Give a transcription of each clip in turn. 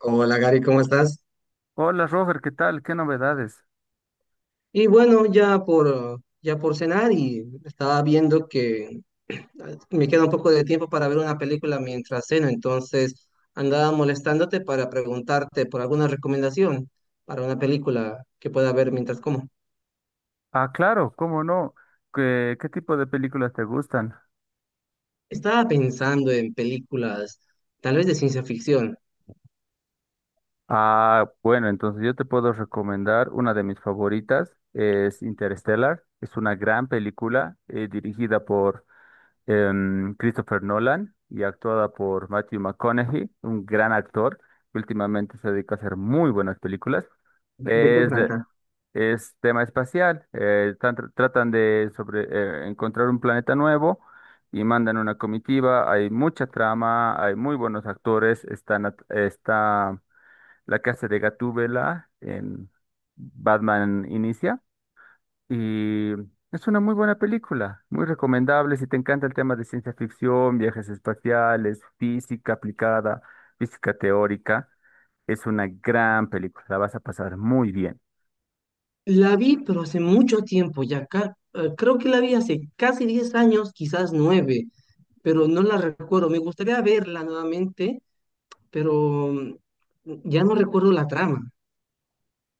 Hola Gary, ¿cómo estás? Hola Robert, ¿qué tal? ¿Qué novedades? Y bueno, ya por cenar y estaba viendo que me queda un poco de tiempo para ver una película mientras ceno, entonces andaba molestándote para preguntarte por alguna recomendación para una película que pueda ver mientras como. Ah, claro, ¿cómo no? ¿Qué tipo de películas te gustan? Estaba pensando en películas tal vez de ciencia ficción. Ah, bueno, entonces yo te puedo recomendar una de mis favoritas, es Interstellar. Es una gran película dirigida por Christopher Nolan y actuada por Matthew McConaughey, un gran actor que últimamente se dedica a hacer muy buenas películas. ¿De qué Es de- trata? es tema espacial. Tratan de sobre encontrar un planeta nuevo y mandan una comitiva. Hay mucha trama, hay muy buenos actores. Está la que hace de Gatúbela en Batman Inicia. Y es una muy buena película, muy recomendable. Si te encanta el tema de ciencia ficción, viajes espaciales, física aplicada, física teórica, es una gran película. La vas a pasar muy bien. La vi, pero hace mucho tiempo ya, creo que la vi hace casi 10 años, quizás nueve, pero no la recuerdo. Me gustaría verla nuevamente, pero ya no recuerdo la trama.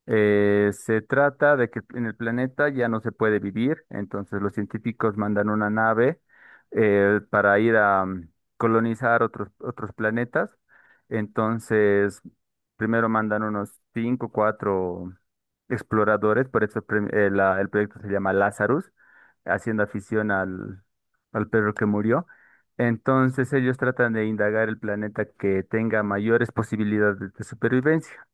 Se trata de que en el planeta ya no se puede vivir, entonces los científicos mandan una nave para ir a colonizar otros planetas. Entonces, primero mandan unos cinco, o cuatro exploradores, por eso el proyecto se llama Lazarus, haciendo afición al, al perro que murió. Entonces ellos tratan de indagar el planeta que tenga mayores posibilidades de supervivencia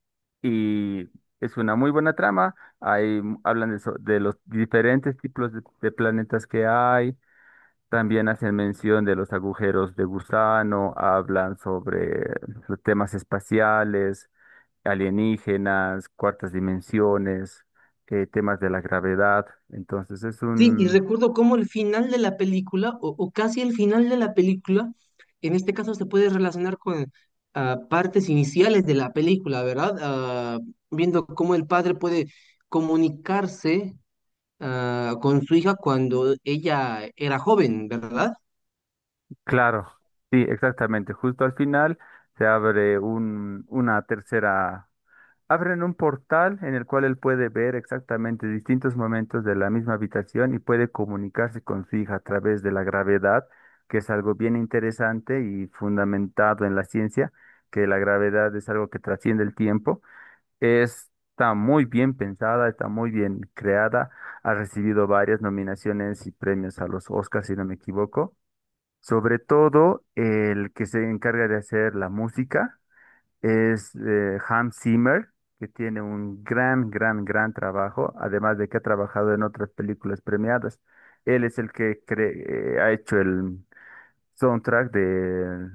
y es una muy buena trama. Ahí hablan de los diferentes tipos de planetas que hay. También hacen mención de los agujeros de gusano, hablan sobre los temas espaciales, alienígenas, cuartas dimensiones, temas de la gravedad. Entonces es Sí, y un... recuerdo cómo el final de la película, o casi el final de la película, en este caso se puede relacionar con partes iniciales de la película, ¿verdad? Viendo cómo el padre puede comunicarse con su hija cuando ella era joven, ¿verdad? Claro, sí, exactamente. Justo al final se abre un, una tercera. Abren un portal en el cual él puede ver exactamente distintos momentos de la misma habitación y puede comunicarse con su hija a través de la gravedad, que es algo bien interesante y fundamentado en la ciencia, que la gravedad es algo que trasciende el tiempo. Está muy bien pensada, está muy bien creada, ha recibido varias nominaciones y premios a los Oscars, si no me equivoco. Sobre todo el que se encarga de hacer la música es Hans Zimmer, que tiene un gran trabajo, además de que ha trabajado en otras películas premiadas. Él es el que ha hecho el soundtrack de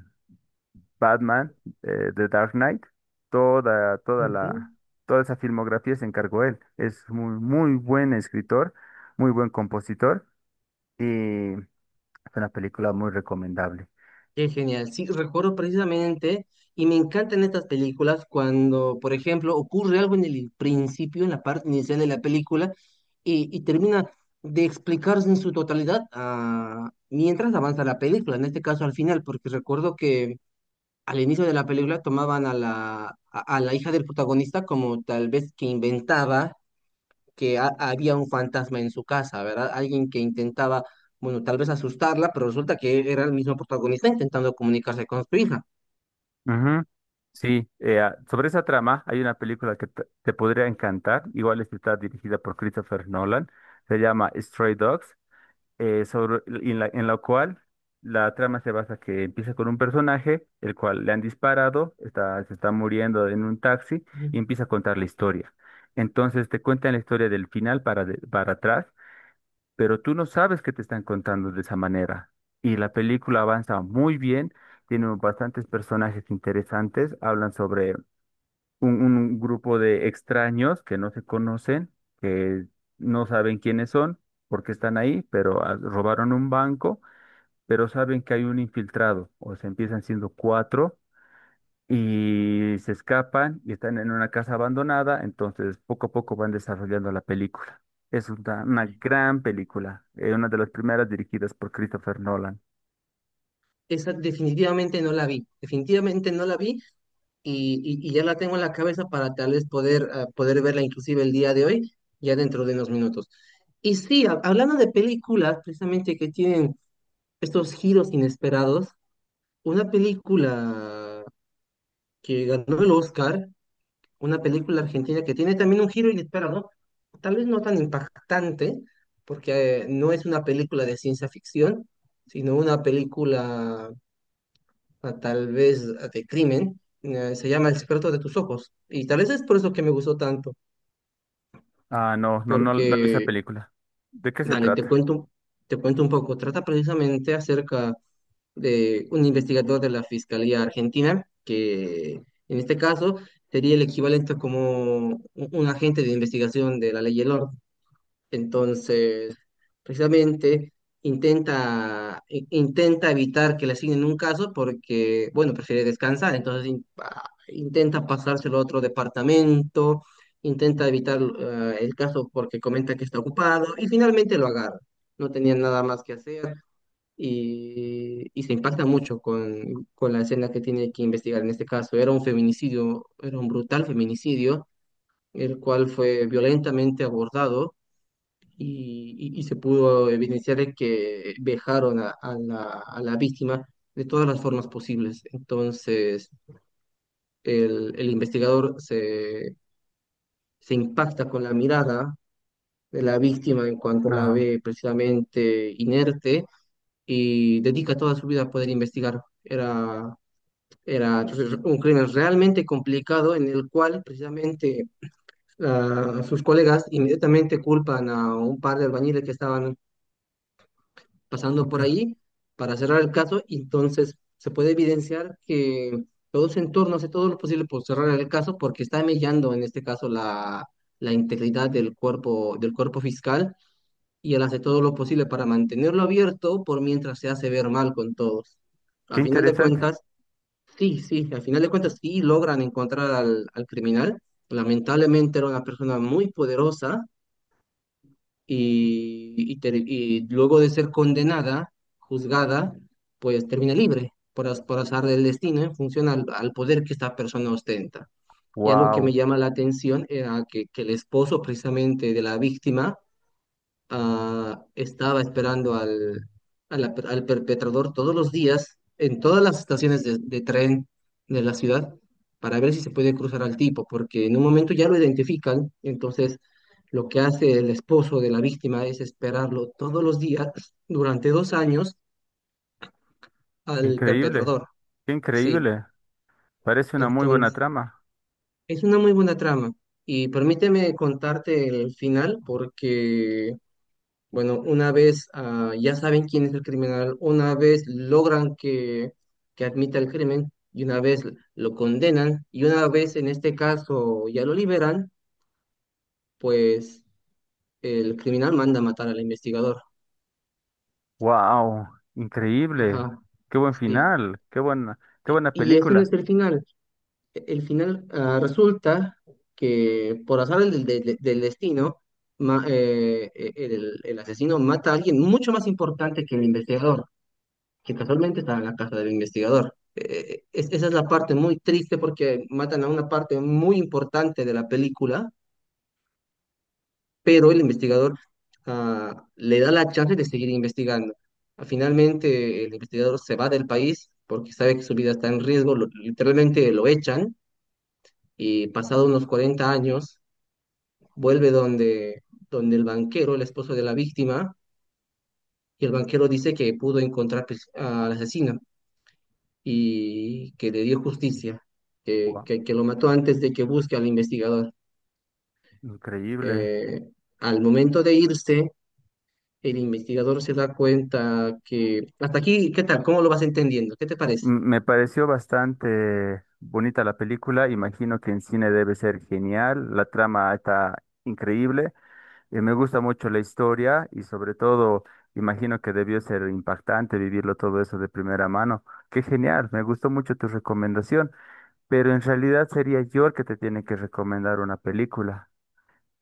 Batman, The Dark Knight. Toda, toda Ujú. la, toda esa filmografía se encargó él. Es muy buen escritor, muy buen compositor y es una película muy recomendable. Qué genial. Sí, recuerdo precisamente, y me encantan estas películas cuando, por ejemplo, ocurre algo en el principio, en la parte inicial de la película, y termina de explicarse en su totalidad, mientras avanza la película, en este caso al final, porque recuerdo que al inicio de la película tomaban a a la hija del protagonista como tal vez que inventaba que había un fantasma en su casa, ¿verdad? Alguien que intentaba, bueno, tal vez asustarla, pero resulta que era el mismo protagonista intentando comunicarse con su hija. Ujú. Sí, sobre esa trama hay una película que te podría encantar, igual esta está dirigida por Christopher Nolan, se llama Stray Dogs, sobre, en la cual la trama se basa que empieza con un personaje, el cual le han disparado, se está muriendo en un taxi Ujú. y empieza a contar la historia. Entonces te cuentan la historia del final para atrás, pero tú no sabes que te están contando de esa manera. Y la película avanza muy bien, tiene bastantes personajes interesantes, hablan sobre un grupo de extraños que no se conocen, que no saben quiénes son, porque están ahí, pero robaron un banco, pero saben que hay un infiltrado, o se empiezan siendo cuatro y se escapan y están en una casa abandonada, entonces poco a poco van desarrollando la película. Es una gran película, una de las primeras dirigidas por Christopher Nolan. Esa definitivamente no la vi, definitivamente no la vi, y ya la tengo en la cabeza para tal vez poder, poder verla inclusive el día de hoy, ya dentro de unos minutos. Y sí, hablando de películas, precisamente que tienen estos giros inesperados, una película que ganó el Oscar, una película argentina que tiene también un giro inesperado, ¿no? Tal vez no tan impactante, porque no es una película de ciencia ficción, sino una película tal vez de crimen, se llama El secreto de tus ojos, y tal vez es por eso que me gustó tanto, Ah, no, no, no, no vi esa porque película. ¿De qué se Dale, trata? Te cuento un poco. Trata precisamente acerca de un investigador de la Fiscalía Argentina, que en este caso sería el equivalente como un agente de investigación de la ley y el orden. Entonces, precisamente intenta evitar que le asignen un caso porque, bueno, prefiere descansar, entonces intenta pasárselo a otro departamento, intenta evitar el caso porque comenta que está ocupado y finalmente lo agarra. No tenía nada más que hacer y se impacta mucho con la escena que tiene que investigar en este caso. Era un feminicidio, era un brutal feminicidio, el cual fue violentamente abordado y se pudo evidenciar de que vejaron a, a la víctima de todas las formas posibles. Entonces, el investigador se impacta con la mirada de la víctima en cuanto la Ah, ve precisamente inerte y dedica toda su vida a poder investigar. Era, era entonces un crimen realmente complicado en el cual precisamente... sus colegas inmediatamente culpan a un par de albañiles que estaban pasando ok. por ahí para cerrar el caso y entonces se puede evidenciar que todo su entorno hace todo lo posible por cerrar el caso porque está mellando en este caso la integridad del cuerpo fiscal, y él hace todo lo posible para mantenerlo abierto por mientras se hace ver mal con todos. A Qué final de interesante. cuentas, sí, sí, al final de cuentas sí logran encontrar al criminal. Lamentablemente era una persona muy poderosa y luego de ser condenada, juzgada, pues termina libre por, por azar del destino en función al poder que esta persona ostenta. Y algo que me Wow, llama la atención era que el esposo precisamente de la víctima estaba esperando al, al perpetrador todos los días en todas las estaciones de tren de la ciudad para ver si se puede cruzar al tipo, porque en un momento ya lo identifican, entonces lo que hace el esposo de la víctima es esperarlo todos los días durante 2 años al increíble, perpetrador. qué Sí, increíble. Parece una muy buena entonces trama. es una muy buena trama. Y permíteme contarte el final porque bueno, una vez ya saben quién es el criminal, una vez logran que admita el crimen y una vez lo condenan y una vez en este caso ya lo liberan, pues el criminal manda a matar al investigador. Wow, increíble. Ajá, Qué buen sí. final, qué buena Y ese no película. es el final. El final resulta que por azar del destino, el asesino mata a alguien mucho más importante que el investigador, que casualmente estaba en la casa del investigador. Esa es la parte muy triste porque matan a una parte muy importante de la película, pero el investigador le da la chance de seguir investigando. Finalmente, el investigador se va del país porque sabe que su vida está en riesgo, literalmente lo echan y pasado unos 40 años vuelve donde, donde el banquero, el esposo de la víctima, y el banquero dice que pudo encontrar pues al asesino y que le dio justicia, Wow, que lo mató antes de que busque al investigador. increíble. Eh, Al momento de irse, el investigador se da cuenta que... Hasta aquí, ¿qué tal? ¿Cómo lo vas entendiendo? ¿Qué te parece? Me pareció bastante bonita la película, imagino que en cine debe ser genial, la trama está increíble, y me gusta mucho la historia y sobre todo imagino que debió ser impactante vivirlo todo eso de primera mano. Qué genial, me gustó mucho tu recomendación, pero en realidad sería yo el que te tiene que recomendar una película.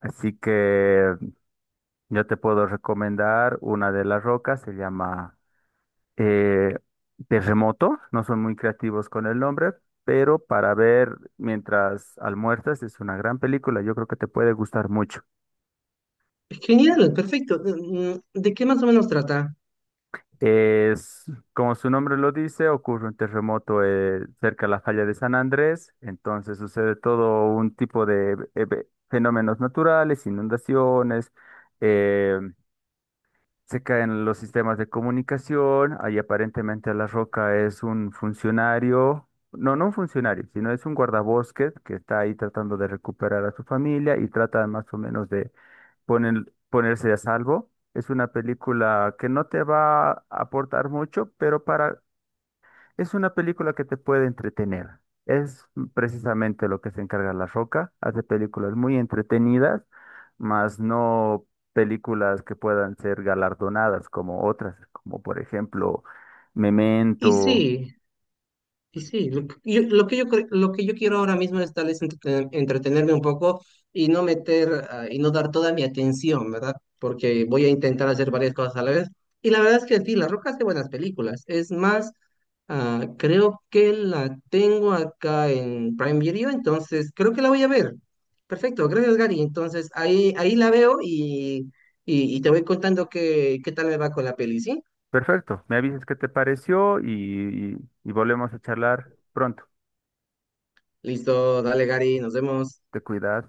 Así que yo te puedo recomendar una de las rocas, se llama eh, Terremoto, no son muy creativos con el nombre, pero para ver mientras almuerzas es una gran película, yo creo que te puede gustar mucho. Genial, perfecto. Mm, ¿de qué más o menos trata? Es, como su nombre lo dice, ocurre un terremoto cerca de la falla de San Andrés, entonces sucede todo un tipo de fenómenos naturales, inundaciones, eh, se caen los sistemas de comunicación. Ahí aparentemente La Roca es un funcionario, no un funcionario, sino es un guardabosques que está ahí tratando de recuperar a su familia y trata más o menos de ponerse a salvo. Es una película que no te va a aportar mucho, pero para es una película que te puede entretener. Es precisamente lo que se encarga La Roca. Hace películas muy entretenidas, mas no películas que puedan ser galardonadas como otras, como por ejemplo Y Memento. sí, y sí, lo que yo quiero ahora mismo es tal vez entretenerme un poco y no meter y no dar toda mi atención, ¿verdad? Porque voy a intentar hacer varias cosas a la vez. Y la verdad es que sí, La Roca hace buenas películas. Es más, creo que la tengo acá en Prime Video, entonces creo que la voy a ver. Perfecto, gracias Gary. Entonces ahí, ahí la veo y te voy contando qué, qué tal me va con la peli, ¿sí? Perfecto, me avisas qué te pareció y volvemos a charlar pronto. Listo, dale Gary, nos vemos. Te cuidas.